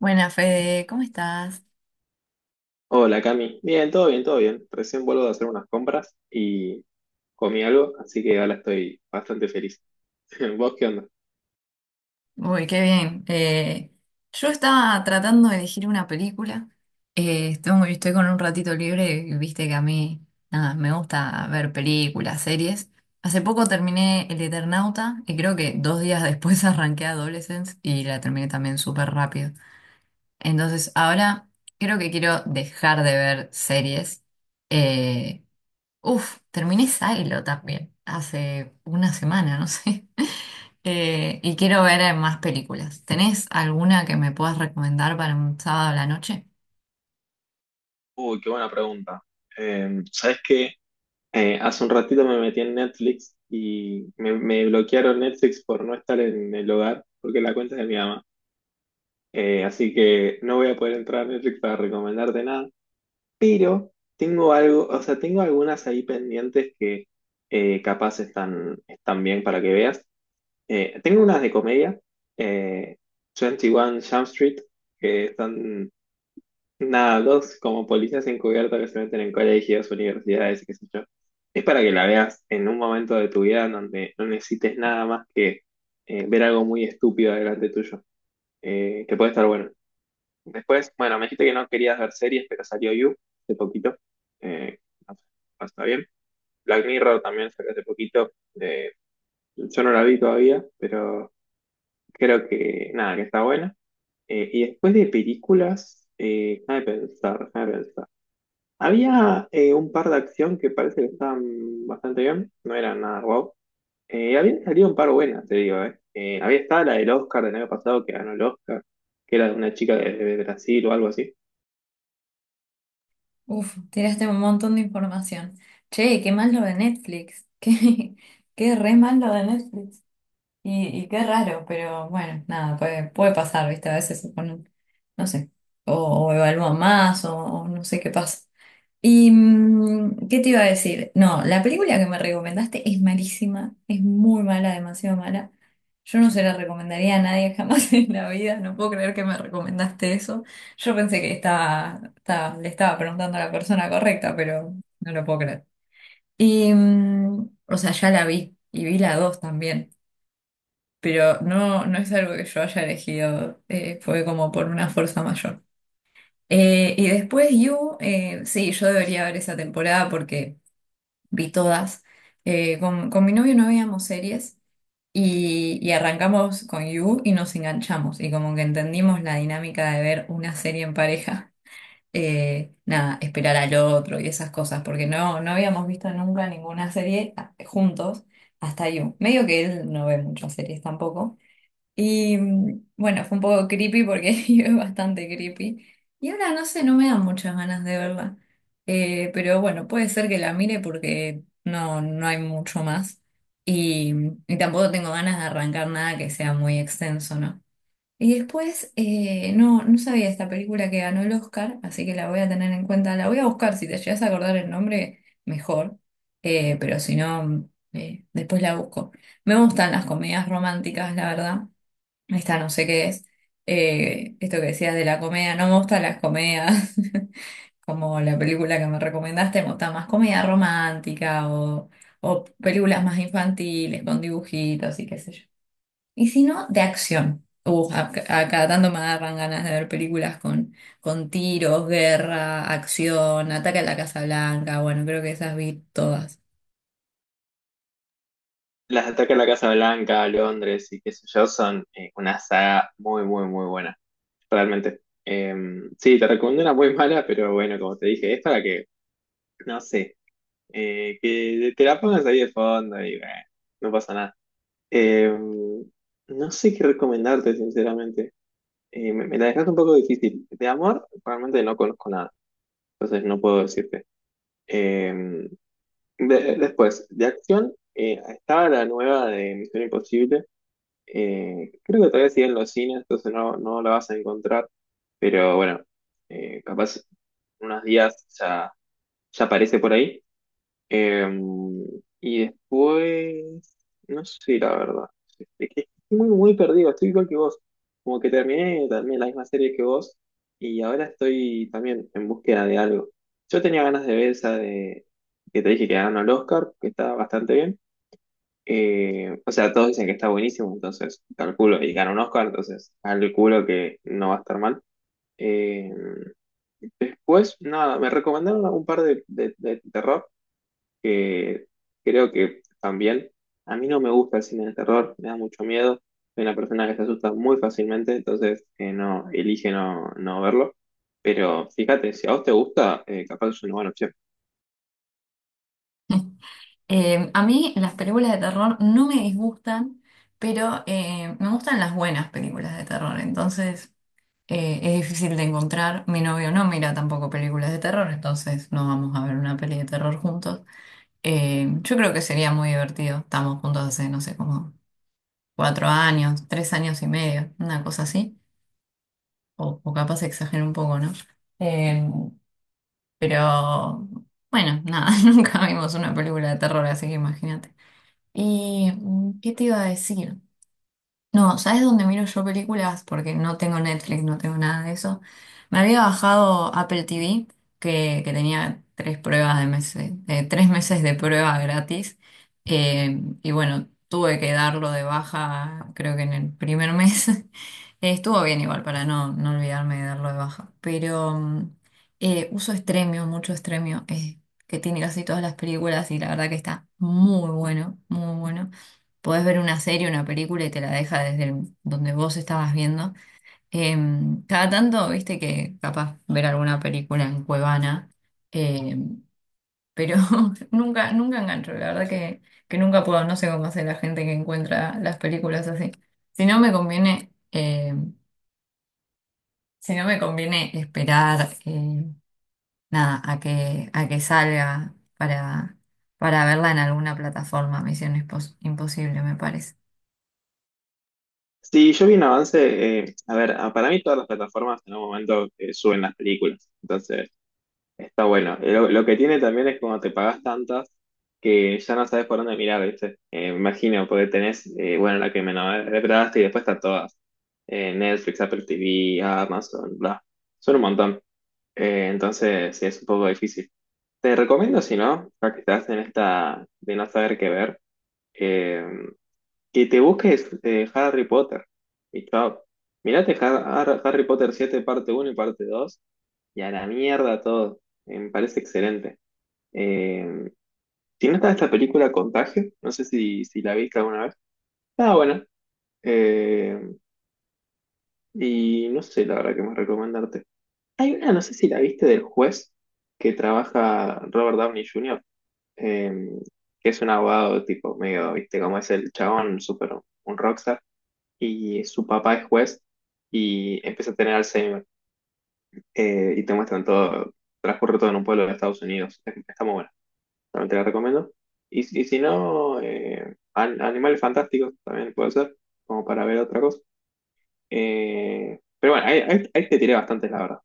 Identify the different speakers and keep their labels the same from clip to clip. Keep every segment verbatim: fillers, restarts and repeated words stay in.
Speaker 1: Buenas, Fede, ¿cómo estás?
Speaker 2: Hola Cami, bien, todo bien, todo bien. Recién vuelvo de hacer unas compras y comí algo, así que ahora estoy bastante feliz. ¿Vos qué onda?
Speaker 1: Uy, qué bien. Eh, yo estaba tratando de elegir una película. Eh, estoy, estoy con un ratito libre y viste que a mí nada, me gusta ver películas, series. Hace poco terminé El Eternauta y creo que dos días después arranqué Adolescence y la terminé también súper rápido. Entonces, ahora creo que quiero dejar de ver series. Eh, Uf, terminé Silo también hace una semana, no sé. Eh, y quiero ver eh, más películas. ¿Tenés alguna que me puedas recomendar para un sábado a la noche?
Speaker 2: Uy, qué buena pregunta. Eh, ¿sabés qué? Eh, hace un ratito me metí en Netflix y me, me bloquearon Netflix por no estar en el hogar, porque la cuenta es de mi mamá. Eh, así que no voy a poder entrar a Netflix para recomendarte nada, pero tengo algo, o sea, tengo algunas ahí pendientes que eh, capaz están, están bien para que veas. Eh, tengo unas de comedia, eh, veintiuno Jump Street, que son nada, dos como policías encubiertos que se meten en colegios, universidades y qué sé yo. Es para que la veas en un momento de tu vida en donde no necesites nada más que eh, ver algo muy estúpido delante tuyo, eh, que puede estar bueno. Después, bueno, me dijiste que no querías ver series, pero salió You hace poquito. Eh, no sé, no está bien. Black Mirror también salió hace poquito. eh, yo no la vi todavía, pero creo que nada, que está buena. Eh, y después de películas, eh, déjame pensar, déjame pensar. Había eh, un par de acción que parece que estaban bastante bien, no eran nada guau. Eh, habían salido un par buenas, te digo, eh. Eh, había estado la del Oscar del año pasado que ganó el Oscar, que era de una chica de, de Brasil o algo así.
Speaker 1: Uf, tiraste un montón de información. Che, qué mal lo de Netflix. Qué, qué re mal lo de Netflix. Y, y qué raro, pero bueno, nada, puede, puede pasar, ¿viste? A veces se ponen, no sé, o, o evalúan más, o, o no sé qué pasa. ¿Y mm, qué te iba a decir? No, la película que me recomendaste es malísima, es muy mala, demasiado mala. Yo no se la recomendaría a nadie jamás en la vida, no puedo creer que me recomendaste eso. Yo pensé que estaba, estaba- le estaba preguntando a la persona correcta, pero no lo puedo creer. Y, mm, o sea, ya la vi, y vi la dos también, pero no, no es algo que yo haya elegido, eh, fue como por una fuerza mayor. Eh, y después You, eh, sí, yo debería ver esa temporada porque vi todas. Eh, con, con mi novio no veíamos series, y, y arrancamos con You y nos enganchamos y como que entendimos la dinámica de ver una serie en pareja. Eh, nada, esperar al otro y esas cosas, porque no, no habíamos visto nunca ninguna serie ah, juntos hasta You. Medio que él no ve muchas series tampoco. Y mm, bueno, fue un poco creepy porque yo es bastante creepy. Y ahora no sé, no me dan muchas ganas de verla. Eh, pero bueno, puede ser que la mire porque no, no hay mucho más. Y, mm, y tampoco tengo ganas de arrancar nada que sea muy extenso, ¿no? Y después, eh, no, no sabía esta película que ganó el Oscar, así que la voy a tener en cuenta. La voy a buscar, si te llegas a acordar el nombre, mejor. Eh, pero si no, mm, eh, después la busco. Me gustan las comedias románticas, la verdad. Esta no sé qué es. Eh, esto que decías de la comedia, no me gustan las comedias, como la película que me recomendaste, me gusta más comedia romántica o, o películas más infantiles con dibujitos y qué sé yo. Y si no, de acción. Uh, a, a cada tanto me agarran ganas de ver películas con, con tiros, guerra, acción, ataque a la Casa Blanca. Bueno, creo que esas vi todas.
Speaker 2: Las de Ataque a la Casa Blanca, Londres y qué sé yo, son eh, una saga muy, muy, muy buena, realmente. Eh, sí, te recomiendo una muy mala, pero bueno, como te dije, es para que, no sé. Eh, que te la pongas ahí de fondo y bueno, no pasa nada. Eh, no sé qué recomendarte, sinceramente. Eh, me, me la dejaste un poco difícil. De amor, realmente no conozco nada, entonces no puedo decirte. Eh, de- Después, de acción, eh, estaba la nueva de Misión Imposible. Eh, creo que todavía sigue en los cines, entonces no, no la vas a encontrar. Pero bueno, eh, capaz unos días ya, ya aparece por ahí. Em, y después, no sé, la verdad. Es que estoy muy, muy perdido, estoy igual que vos. Como que terminé también la misma serie que vos y ahora estoy también en búsqueda de algo. Yo tenía ganas de ver esa de que te dije que ganó el Oscar, que está bastante bien. Eh, o sea, todos dicen que está buenísimo, entonces calculo, y ganó un Oscar, entonces calculo que no va a estar mal. Eh, Después, nada, me recomendaron un par de, de, de terror que creo que también a mí no me gusta el cine de terror, me da mucho miedo. Soy una persona que se asusta muy fácilmente, entonces eh, no elige no, no verlo. Pero fíjate, si a vos te gusta, eh, capaz es una buena opción.
Speaker 1: Eh, a mí las películas de terror no me disgustan, pero eh, me gustan las buenas películas de terror, entonces eh, es difícil de encontrar. Mi novio no mira tampoco películas de terror, entonces no vamos a ver una peli de terror juntos. Eh, yo creo que sería muy divertido. Estamos juntos hace, no sé, como cuatro años, tres años y medio, una cosa así, o, o capaz exagero un poco, ¿no? Eh, pero bueno, nada, nunca vimos una película de terror, así que imagínate. ¿Y mm, qué te iba a decir? No, ¿sabes dónde miro yo películas? Porque no tengo Netflix, no tengo nada de eso. Me había bajado Apple T V, que, que tenía tres pruebas de meses, eh, tres meses de prueba gratis. Eh, y bueno, tuve que darlo de baja, creo que en el primer mes. Eh, estuvo bien igual para no, no olvidarme de darlo de baja. Pero mm, eh, uso Stremio, mucho Stremio, eh, que tiene casi todas las películas y la verdad que está muy bueno, muy bueno, podés ver una serie, una película y te la deja desde el- donde vos estabas viendo. Em, cada tanto, viste que capaz ver alguna película en Cuevana, em, pero nunca, nunca engancho, la verdad que, que nunca puedo, no sé cómo hace la gente que encuentra las películas así. Si no me conviene, em, si no me conviene esperar, em, nada, a que, a que salga para, para verla en alguna plataforma, Misión Impos- Imposible, me parece.
Speaker 2: Sí, yo vi un avance, eh, a ver, a- para mí todas las plataformas en algún momento eh, suben las películas. Entonces, está bueno. Lo, lo que tiene también es cuando te pagas tantas que ya no sabes por dónde mirar, ¿viste? Eh, me imagino, porque tenés, eh, bueno, la que me nombraste y después están todas. Eh, Netflix, Apple T V, Amazon, bla. Son un montón. Eh, entonces, sí, es un poco difícil. Te recomiendo, si no, ya que estás en esta de no saber qué ver, eh, que te busques eh, Harry Potter. Y chao. Mirate Har- Har- Harry Potter siete parte uno y parte dos y a la mierda todo. Eh, Me parece excelente. Eh, si no está esta película Contagio, no sé si, si la viste alguna vez. Ah, bueno. Eh, y no sé la verdad que más recomendarte. Hay una, no sé si la viste del juez que trabaja Robert Downey junior, eh, que es un abogado tipo medio, viste, como es el chabón, súper un rockstar, y su papá es juez y empieza a tener Alzheimer. Eh, y te muestran todo, transcurre todo en un pueblo de Estados Unidos. Está muy buena. También te la recomiendo. Y, si- y si no, eh, An- Animales Fantásticos también puede ser, como para ver otra cosa. Eh, pero bueno, ahí, ahí- ahí te tiré bastante, la verdad.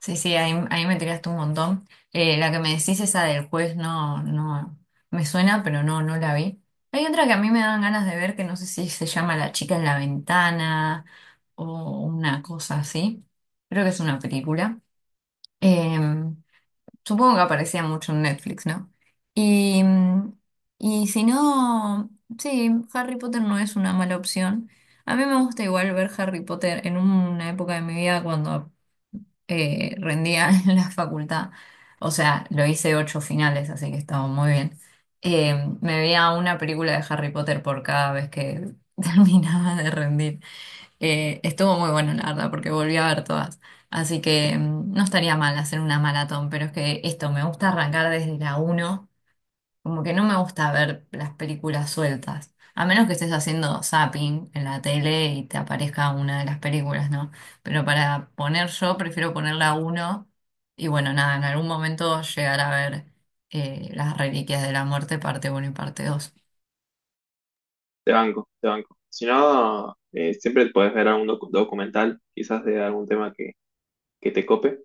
Speaker 1: Sí, sí, ahí, ahí me tiraste un montón. Eh, la que me decís, esa del juez, no, no, me suena, pero no, no la vi. Hay otra que a mí me dan ganas de ver, que no sé si se llama La chica en la ventana o una cosa así. Creo que es una película. Eh, Supongo que aparecía mucho en Netflix, ¿no? Y, y si no, sí, Harry Potter no es una mala opción. A mí me gusta igual ver Harry Potter en una época de mi vida cuando eh, rendía en la facultad. O sea, lo hice ocho finales, así que estaba muy bien. Eh, Me veía una película de Harry Potter por cada vez que terminaba de rendir. Eh, estuvo muy bueno, la verdad, porque volví a ver todas. Así que mm, no estaría mal hacer una maratón, pero es que esto me gusta arrancar desde la uno. Como que no me gusta ver las películas sueltas, a menos que estés haciendo zapping en la tele y te aparezca una de las películas, ¿no? Pero para poner yo, prefiero ponerla uno y bueno, nada, en algún momento llegar a ver eh, Las Reliquias de la Muerte, parte uno y parte dos.
Speaker 2: Te banco, te banco. Si no, eh, siempre puedes ver algún docu- documental, quizás de algún tema que, que te cope.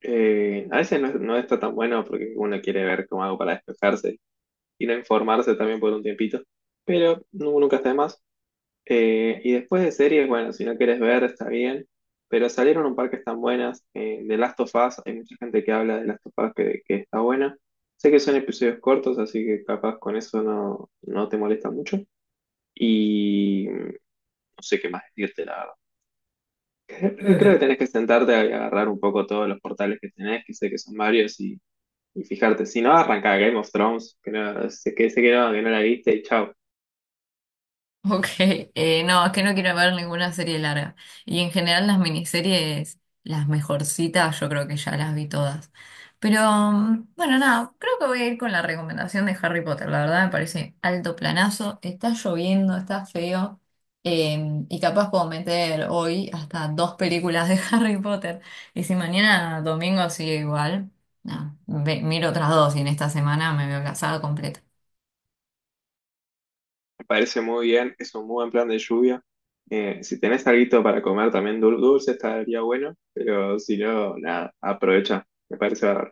Speaker 2: Eh, a veces no, es- no está tan bueno porque uno quiere ver como algo para despejarse y no informarse también por un tiempito, pero nu- nunca está de más. Eh, y después de series, bueno, si no quieres ver, está bien. Pero salieron un par que están buenas. eh, The Last of Us, hay mucha gente que habla de Last of Us que, que está buena. Sé que son episodios cortos, así que capaz con eso no, no te molesta mucho. Y mm, no sé qué más decirte, la verdad. Creo que creo que tenés que sentarte a agarrar un poco todos los portales que tenés, que sé que son varios, y, y fijarte. Si no, arranca Game of Thrones, que no, sé que, sé que no, que no la viste y chao.
Speaker 1: Ok, eh, no, es que no quiero ver ninguna serie larga. Y en general las miniseries, las mejorcitas, yo creo que ya las vi todas. Pero mm, bueno, nada, creo que voy a ir con la recomendación de Harry Potter. La verdad me parece alto planazo. Está lloviendo, está feo. Eh, y capaz puedo meter hoy hasta dos películas de Harry Potter. Y si mañana domingo sigue igual, nada, ve- miro otras dos y en esta semana me veo casada completa.
Speaker 2: Me parece muy bien, es un muy buen plan de lluvia. Eh, si tenés alguito para comer también dul- dulce, estaría bueno, pero si no, nada, aprovecha, me parece bárbaro.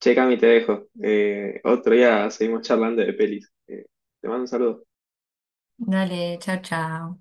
Speaker 2: Che, Cami, te dejo. Eh, otro día seguimos charlando de pelis. Eh, te mando un saludo.
Speaker 1: Dale, chao, chao.